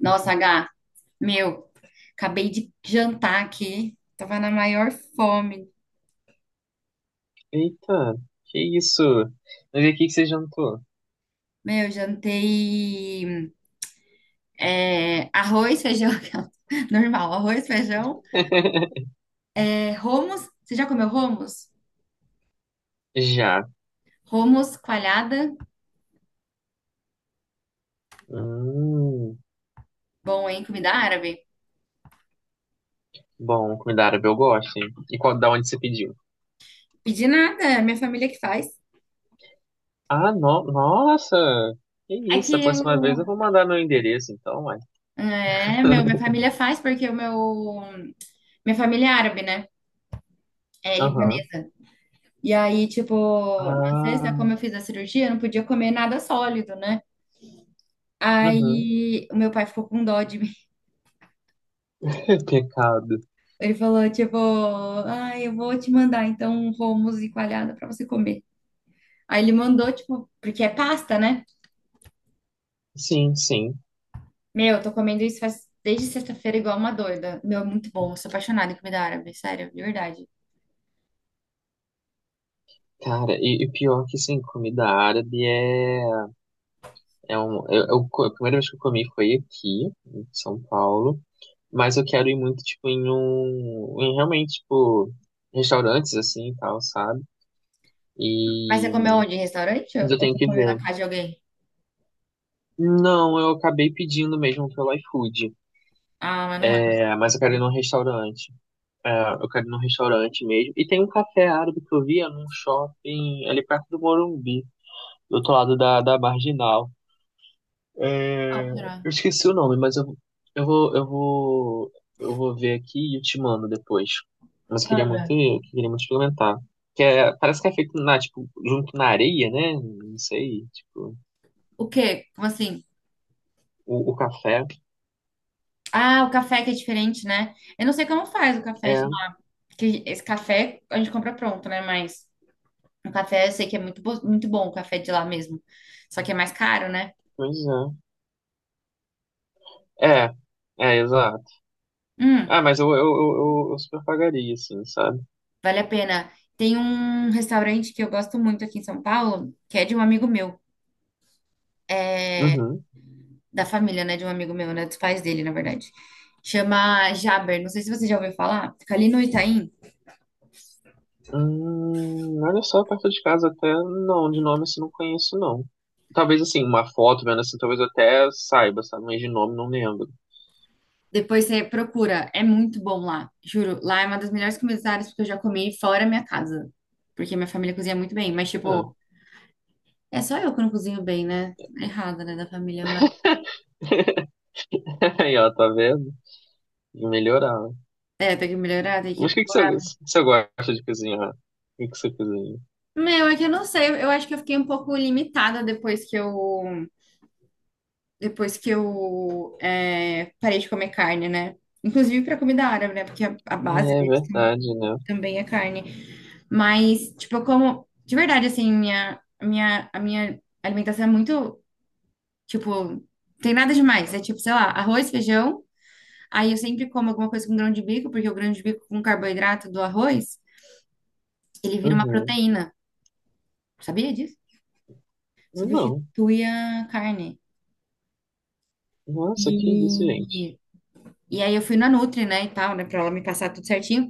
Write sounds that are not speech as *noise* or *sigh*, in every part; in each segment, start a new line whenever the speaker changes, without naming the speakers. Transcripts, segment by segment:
Nossa, H, meu, acabei de jantar aqui. Tava na maior fome.
Eita, que isso? Mas e o que que você jantou?
Meu, jantei arroz, feijão, *laughs* normal, arroz, feijão.
*laughs*
É, hummus, você já comeu hummus?
Já.
Hummus, coalhada,
Hum,
bom, hein? Comida árabe.
bom, comida árabe eu gosto, hein? E qual, da onde você pediu?
Pedi nada, é minha família que faz.
Ah, no, nossa! Que
É que
isso, a
eu...
próxima vez eu vou mandar meu endereço, então, uai.
É, meu, minha
*laughs*
família faz porque o meu... Minha família é árabe, né? É
Aham.
libanesa. E aí, tipo, na sexta,
Ah,
como eu fiz a cirurgia, eu não podia comer nada sólido, né?
uhum.
Aí o meu pai ficou com dó de mim.
*laughs* Pecado.
*laughs* Ele falou, tipo, ah eu vou te mandar então um hummus e coalhada pra você comer. Aí ele mandou, tipo, porque é pasta, né?
Sim, sim.
Meu, eu tô comendo isso faz desde sexta-feira igual uma doida. Meu, é muito bom. Eu sou apaixonada em comida árabe, sério, de verdade.
Cara, e pior que sim, comida árabe é, é um. A primeira vez que eu comi foi aqui, em São Paulo. Mas eu quero ir muito, tipo, em um. Em realmente, tipo, restaurantes assim e tal, sabe?
Mas você
E.
comeu onde? Em restaurante?
Mas eu
Ou
tenho
você
que
comeu na
ver.
casa de alguém?
Não, eu acabei pedindo mesmo pelo iFood.
Ah, mas não é a mesma
É, mas eu
coisa,
quero ir
né?
num restaurante. É, eu quero ir num restaurante mesmo. E tem um café árabe que eu via num shopping ali perto do Morumbi, do outro lado da Marginal.
Qual
É,
será?
eu esqueci o nome, mas eu vou, eu vou ver aqui e eu te mando depois. Mas
Manda.
eu queria muito experimentar. Que é, parece que é feito na, tipo, junto na areia, né? Não sei, tipo,
O quê? Como assim?
o café.
Ah, o café que é diferente, né? Eu não sei como faz o café de
É,
lá. Porque esse café a gente compra pronto, né? Mas o café eu sei que é muito, muito bom, o café de lá mesmo. Só que é mais caro, né?
pois é. É, é, exato.
Hum,
Ah, mas eu super pagaria, assim, sabe?
Vale a pena. Tem um restaurante que eu gosto muito aqui em São Paulo, que é de um amigo meu,
Uhum.
da família, né? De um amigo meu, né? Dos pais dele, na verdade. Chama Jaber. Não sei se você já ouviu falar. Fica ali no Itaim.
Olha só, perto de casa até não, de nome assim não conheço, não. Talvez assim, uma foto vendo assim, talvez eu até saiba, sabe? Mas de nome não lembro.
Depois você procura, é muito bom lá, juro. Lá é uma das melhores culinárias que eu já comi fora minha casa, porque minha família cozinha muito bem, mas
Ah.
tipo, é só eu que não cozinho bem, né? Errada, né, da família, mas
*laughs* Aí, ó, tá vendo? Tem que melhorar, né?
é, tem que melhorar, tem que ir
Mas
pro-
o que você gosta de cozinhar? O que que você cozinha?
Meu, é que eu não sei, eu acho que eu fiquei um pouco limitada depois que eu parei de comer carne, né? Inclusive para comida árabe, né? Porque a base
É
deles
verdade, né?
também é carne. Mas, tipo, eu como de verdade assim, minha alimentação é muito tipo, tem nada demais. É tipo, sei lá, arroz, feijão. Aí eu sempre como alguma coisa com grão de bico, porque o grão de bico com carboidrato do arroz, ele vira uma
Uhum.
proteína. Sabia disso?
Não.
Substitui a carne.
Nossa, que isso, gente?
E, e aí eu fui na Nutri, né, e tal, né, pra ela me passar tudo certinho.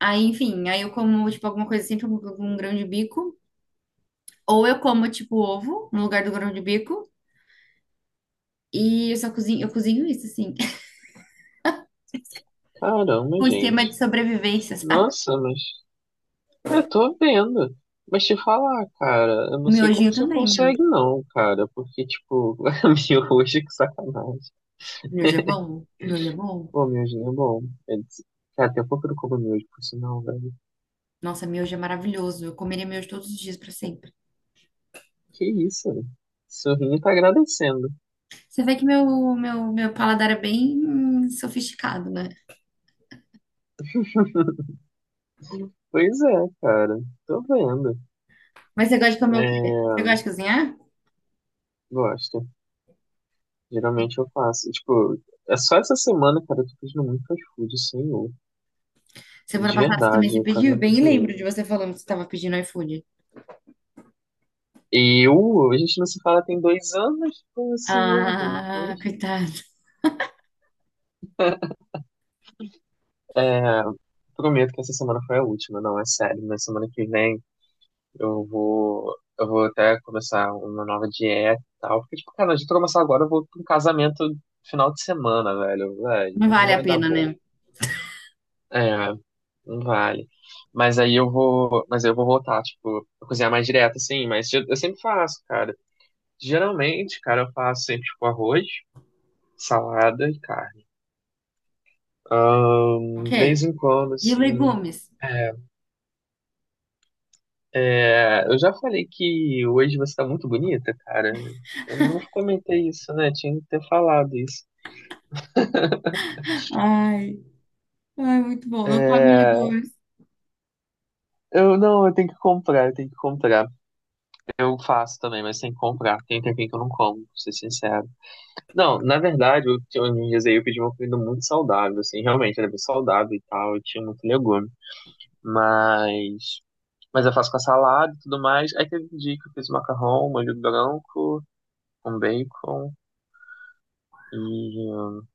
Aí, enfim, aí eu como, tipo, alguma coisa sempre com grão de bico. Ou eu como, tipo, ovo no lugar do grão de bico. E eu só cozinho, eu cozinho isso, assim. *laughs*
Caramba,
Um esquema de
gente.
sobrevivência, sabe?
Nossa, mas eu tô vendo. Mas te falar, cara, eu
O
não sei como
miojinho
você
também, miojo.
consegue, não, cara. Porque, tipo, *laughs* miojo, que sacanagem.
Miojo é bom? Miojo é bom?
Pô, miojinho é bom. É des- Cara, até um pouco eu não como miojo, por sinal, velho.
Nossa, miojo é maravilhoso. Eu comeria miojo todos os dias para sempre.
Que isso, né? Sorrinho tá agradecendo.
Você vê que meu, meu paladar é bem sofisticado, né?
Pois é, cara. Tô vendo.
Mas você gosta de comer o quê? Você gosta
É,
de cozinhar?
gosto. Geralmente eu faço. Tipo, é só essa semana, cara, eu tô pedindo muito fast food, senhor.
Semana
De
passada você também
verdade,
se
eu quase
pediu? Eu
não
bem
cozinhei,
lembro de
mas...
você falando que você estava pedindo iFood.
E eu, a gente não se fala tem dois anos? Como assim, meu gente?
Ah,
Mas
coitado.
prometo que essa semana foi a última, não, é sério. Na semana que vem eu vou. Eu vou até começar uma nova dieta e tal. Porque, tipo, cara, a gente começar agora, eu vou pra um casamento final de semana, velho.
Não
Velho, não
vale a
vai dar
pena,
bom.
né?
É, não vale. Mas aí eu vou, mas eu vou voltar, tipo, a cozinhar mais direto, assim, mas eu sempre faço, cara. Geralmente, cara, eu faço sempre, tipo, arroz, salada e carne.
Ok.
De vez em quando,
E
assim,
legumes?
é, é, eu já falei que hoje você tá muito bonita, cara. Eu não comentei isso, né? Tinha que ter falado isso.
Ai, ai, muito bom. Não come
É,
legumes.
eu não, eu tenho que comprar. Eu faço também, mas tem que comprar. Tem um tempinho que eu não como, pra ser sincero. Não, na verdade, uns dias aí eu pedi uma comida muito saudável, assim, realmente era bem saudável e tal, e tinha muito legume. Mas, mas eu faço com a salada e tudo mais. Aí teve um dia que eu fiz macarrão, molho branco, com bacon e...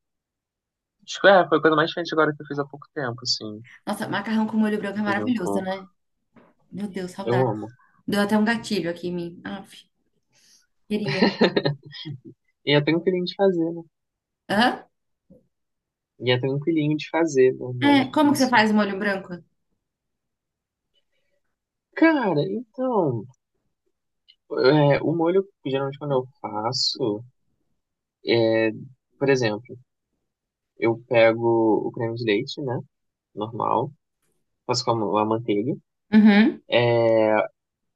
acho que é, foi a coisa mais diferente agora que eu fiz há pouco tempo, assim,
Nossa, macarrão com molho branco é
eu fugi um
maravilhoso,
pouco.
né? Meu Deus,
Eu
saudade.
amo.
Deu até um gatilho aqui em mim. Aff, queria.
E é tranquilinho de fazer, né?
Hã?
E é tranquilinho de fazer, né? Não é
É, como que você
difícil.
faz o molho branco?
Cara, então, é, o molho, geralmente quando eu faço, por exemplo, eu pego o creme de leite, né? Normal. Faço com a manteiga.
Uhum,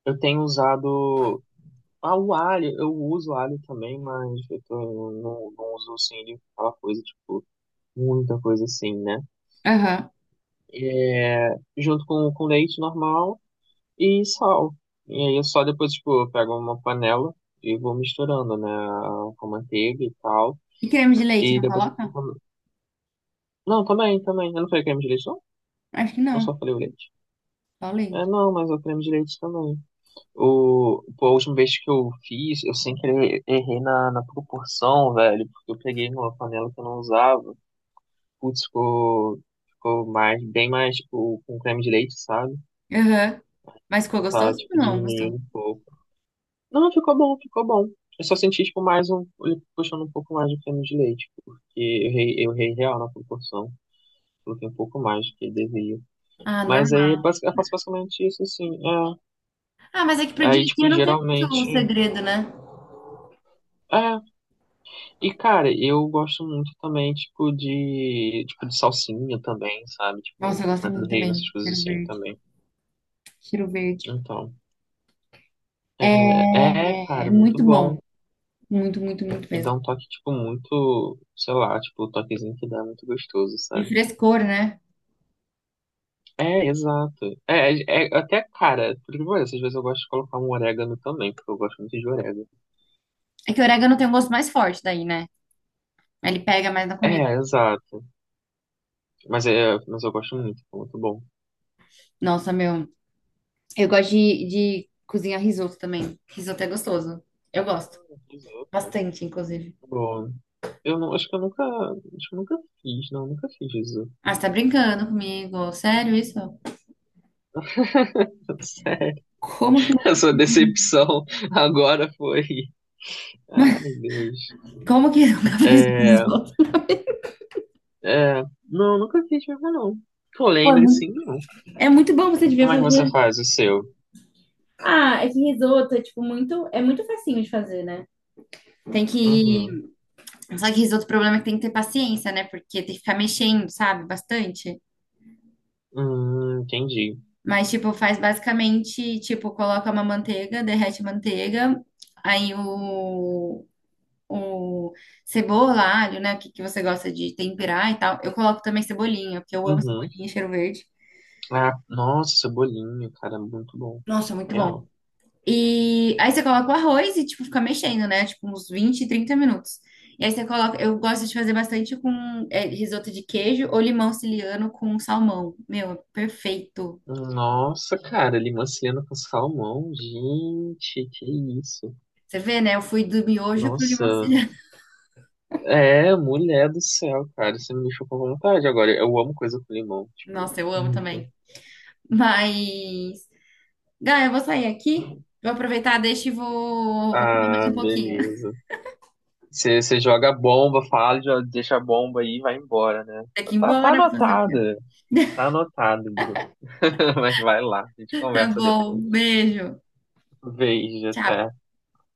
Eu tenho usado. Ah, o alho. Eu uso alho também, mas não, não uso assim ele aquela coisa, tipo, muita coisa assim, né?
aham.
É, junto com leite normal e sal. E aí eu só depois, tipo, eu pego uma panela e vou misturando, né? Com manteiga e tal.
E creme de leite,
E
não
depois eu vou.
coloca?
Com- Não, também, também. Eu não falei creme de leite, não?
Acho que
Eu
não,
só falei o leite.
só
É,
leite.
não, mas é o creme de leite também. O, pô, a última vez que eu fiz, eu sem querer errei na, na proporção, velho, porque eu peguei numa panela que eu não usava. Putz, ficou mais, bem mais, tipo, com creme de leite, sabe?
Aham. Mas ficou
Tá,
gostoso ou
tipo,
não gostou?
diminuindo um pouco. Não, ficou bom, ficou bom. Eu só senti, tipo, mais um, ele puxando um pouco mais de creme de leite, porque eu errei real na proporção. Coloquei um pouco mais do que devia.
Ah,
Mas aí,
normal.
eu faço basicamente isso, assim. É.
Ah, mas é que pro dia
Aí,
a
tipo,
dia não tem
geralmente.
muito segredo, né?
É, e, cara, eu gosto muito também, tipo, de salsinha também, sabe? Tipo, um
Nossa, eu gosto
pimenta do
muito
reino, essas
também.
coisas
Cheiro
assim
verde.
também.
Cheiro verde.
Então, é, é,
É
cara, muito
muito bom.
bom.
Muito, muito, muito
E
mesmo.
dá um toque, tipo, muito, sei lá, tipo, o toquezinho que dá é muito gostoso,
De
sabe?
frescor, né?
É, exato. É até, cara, por que parece, às vezes eu gosto de colocar um orégano também, porque eu gosto muito de orégano.
É que o orégano tem um gosto mais forte daí, né? Ele pega mais na comida.
É, exato. Mas, é, mas eu gosto muito, é muito bom.
Nossa, meu. Eu gosto de cozinhar risoto também. Risoto é gostoso. Eu gosto.
Risoto.
Bastante, inclusive.
Pô, eu não, acho que eu nunca fiz, não, nunca fiz isso.
Ah, você tá brincando comigo? Sério isso?
*laughs* Sério,
Como que
a sua decepção agora foi. Ai, Deus.
como que *laughs* nunca fez
É,
risoto?
não, nunca fiz mesmo, não. Que eu
Pô,
lembre, sim, não.
é muito bom, você devia
Como é que você
fazer.
faz o seu?
Ah, é que risoto é tipo muito, é muito facinho de fazer, né? Tem que.
Uhum.
Só que risoto, o problema é que tem que ter paciência, né? Porque tem que ficar mexendo, sabe? Bastante.
Entendi.
Mas, tipo, faz basicamente, tipo, coloca uma manteiga, derrete a manteiga, aí o, cebola, alho, né? O que, que você gosta de temperar e tal. Eu coloco também cebolinha, porque eu amo
Uhum.
cebolinha e cheiro verde.
Ah, nossa, cebolinho, cara, muito bom.
Nossa, muito
Real.
bom. E aí você coloca o arroz e, tipo, fica mexendo, né? Tipo, uns 20, 30 minutos. E aí você coloca. Eu gosto de fazer bastante com é, risoto de queijo ou limão siciliano com salmão. Meu, é perfeito.
Nossa, cara, limão siciliano com salmão, gente, que isso.
Você vê, né? Eu fui do miojo pro limão
Nossa,
siciliano.
é, mulher do céu, cara, você me deixou com vontade agora. Eu amo coisa com limão,
*laughs*
tipo,
Nossa, eu amo
muito.
também. Mas. Gaia, eu vou sair aqui. Vou aproveitar, deixa e vou, comer mais
Ah,
um pouquinho.
beleza. Você joga a bomba, fala, já deixa a bomba aí e vai embora, né?
Tem que ir
Tá, tá
embora fazer o quê?
anotada, tá anotado, Bruno. *laughs* Mas vai lá, a gente
Tá
conversa
bom,
depois.
beijo.
Beijo, até.
Tchau.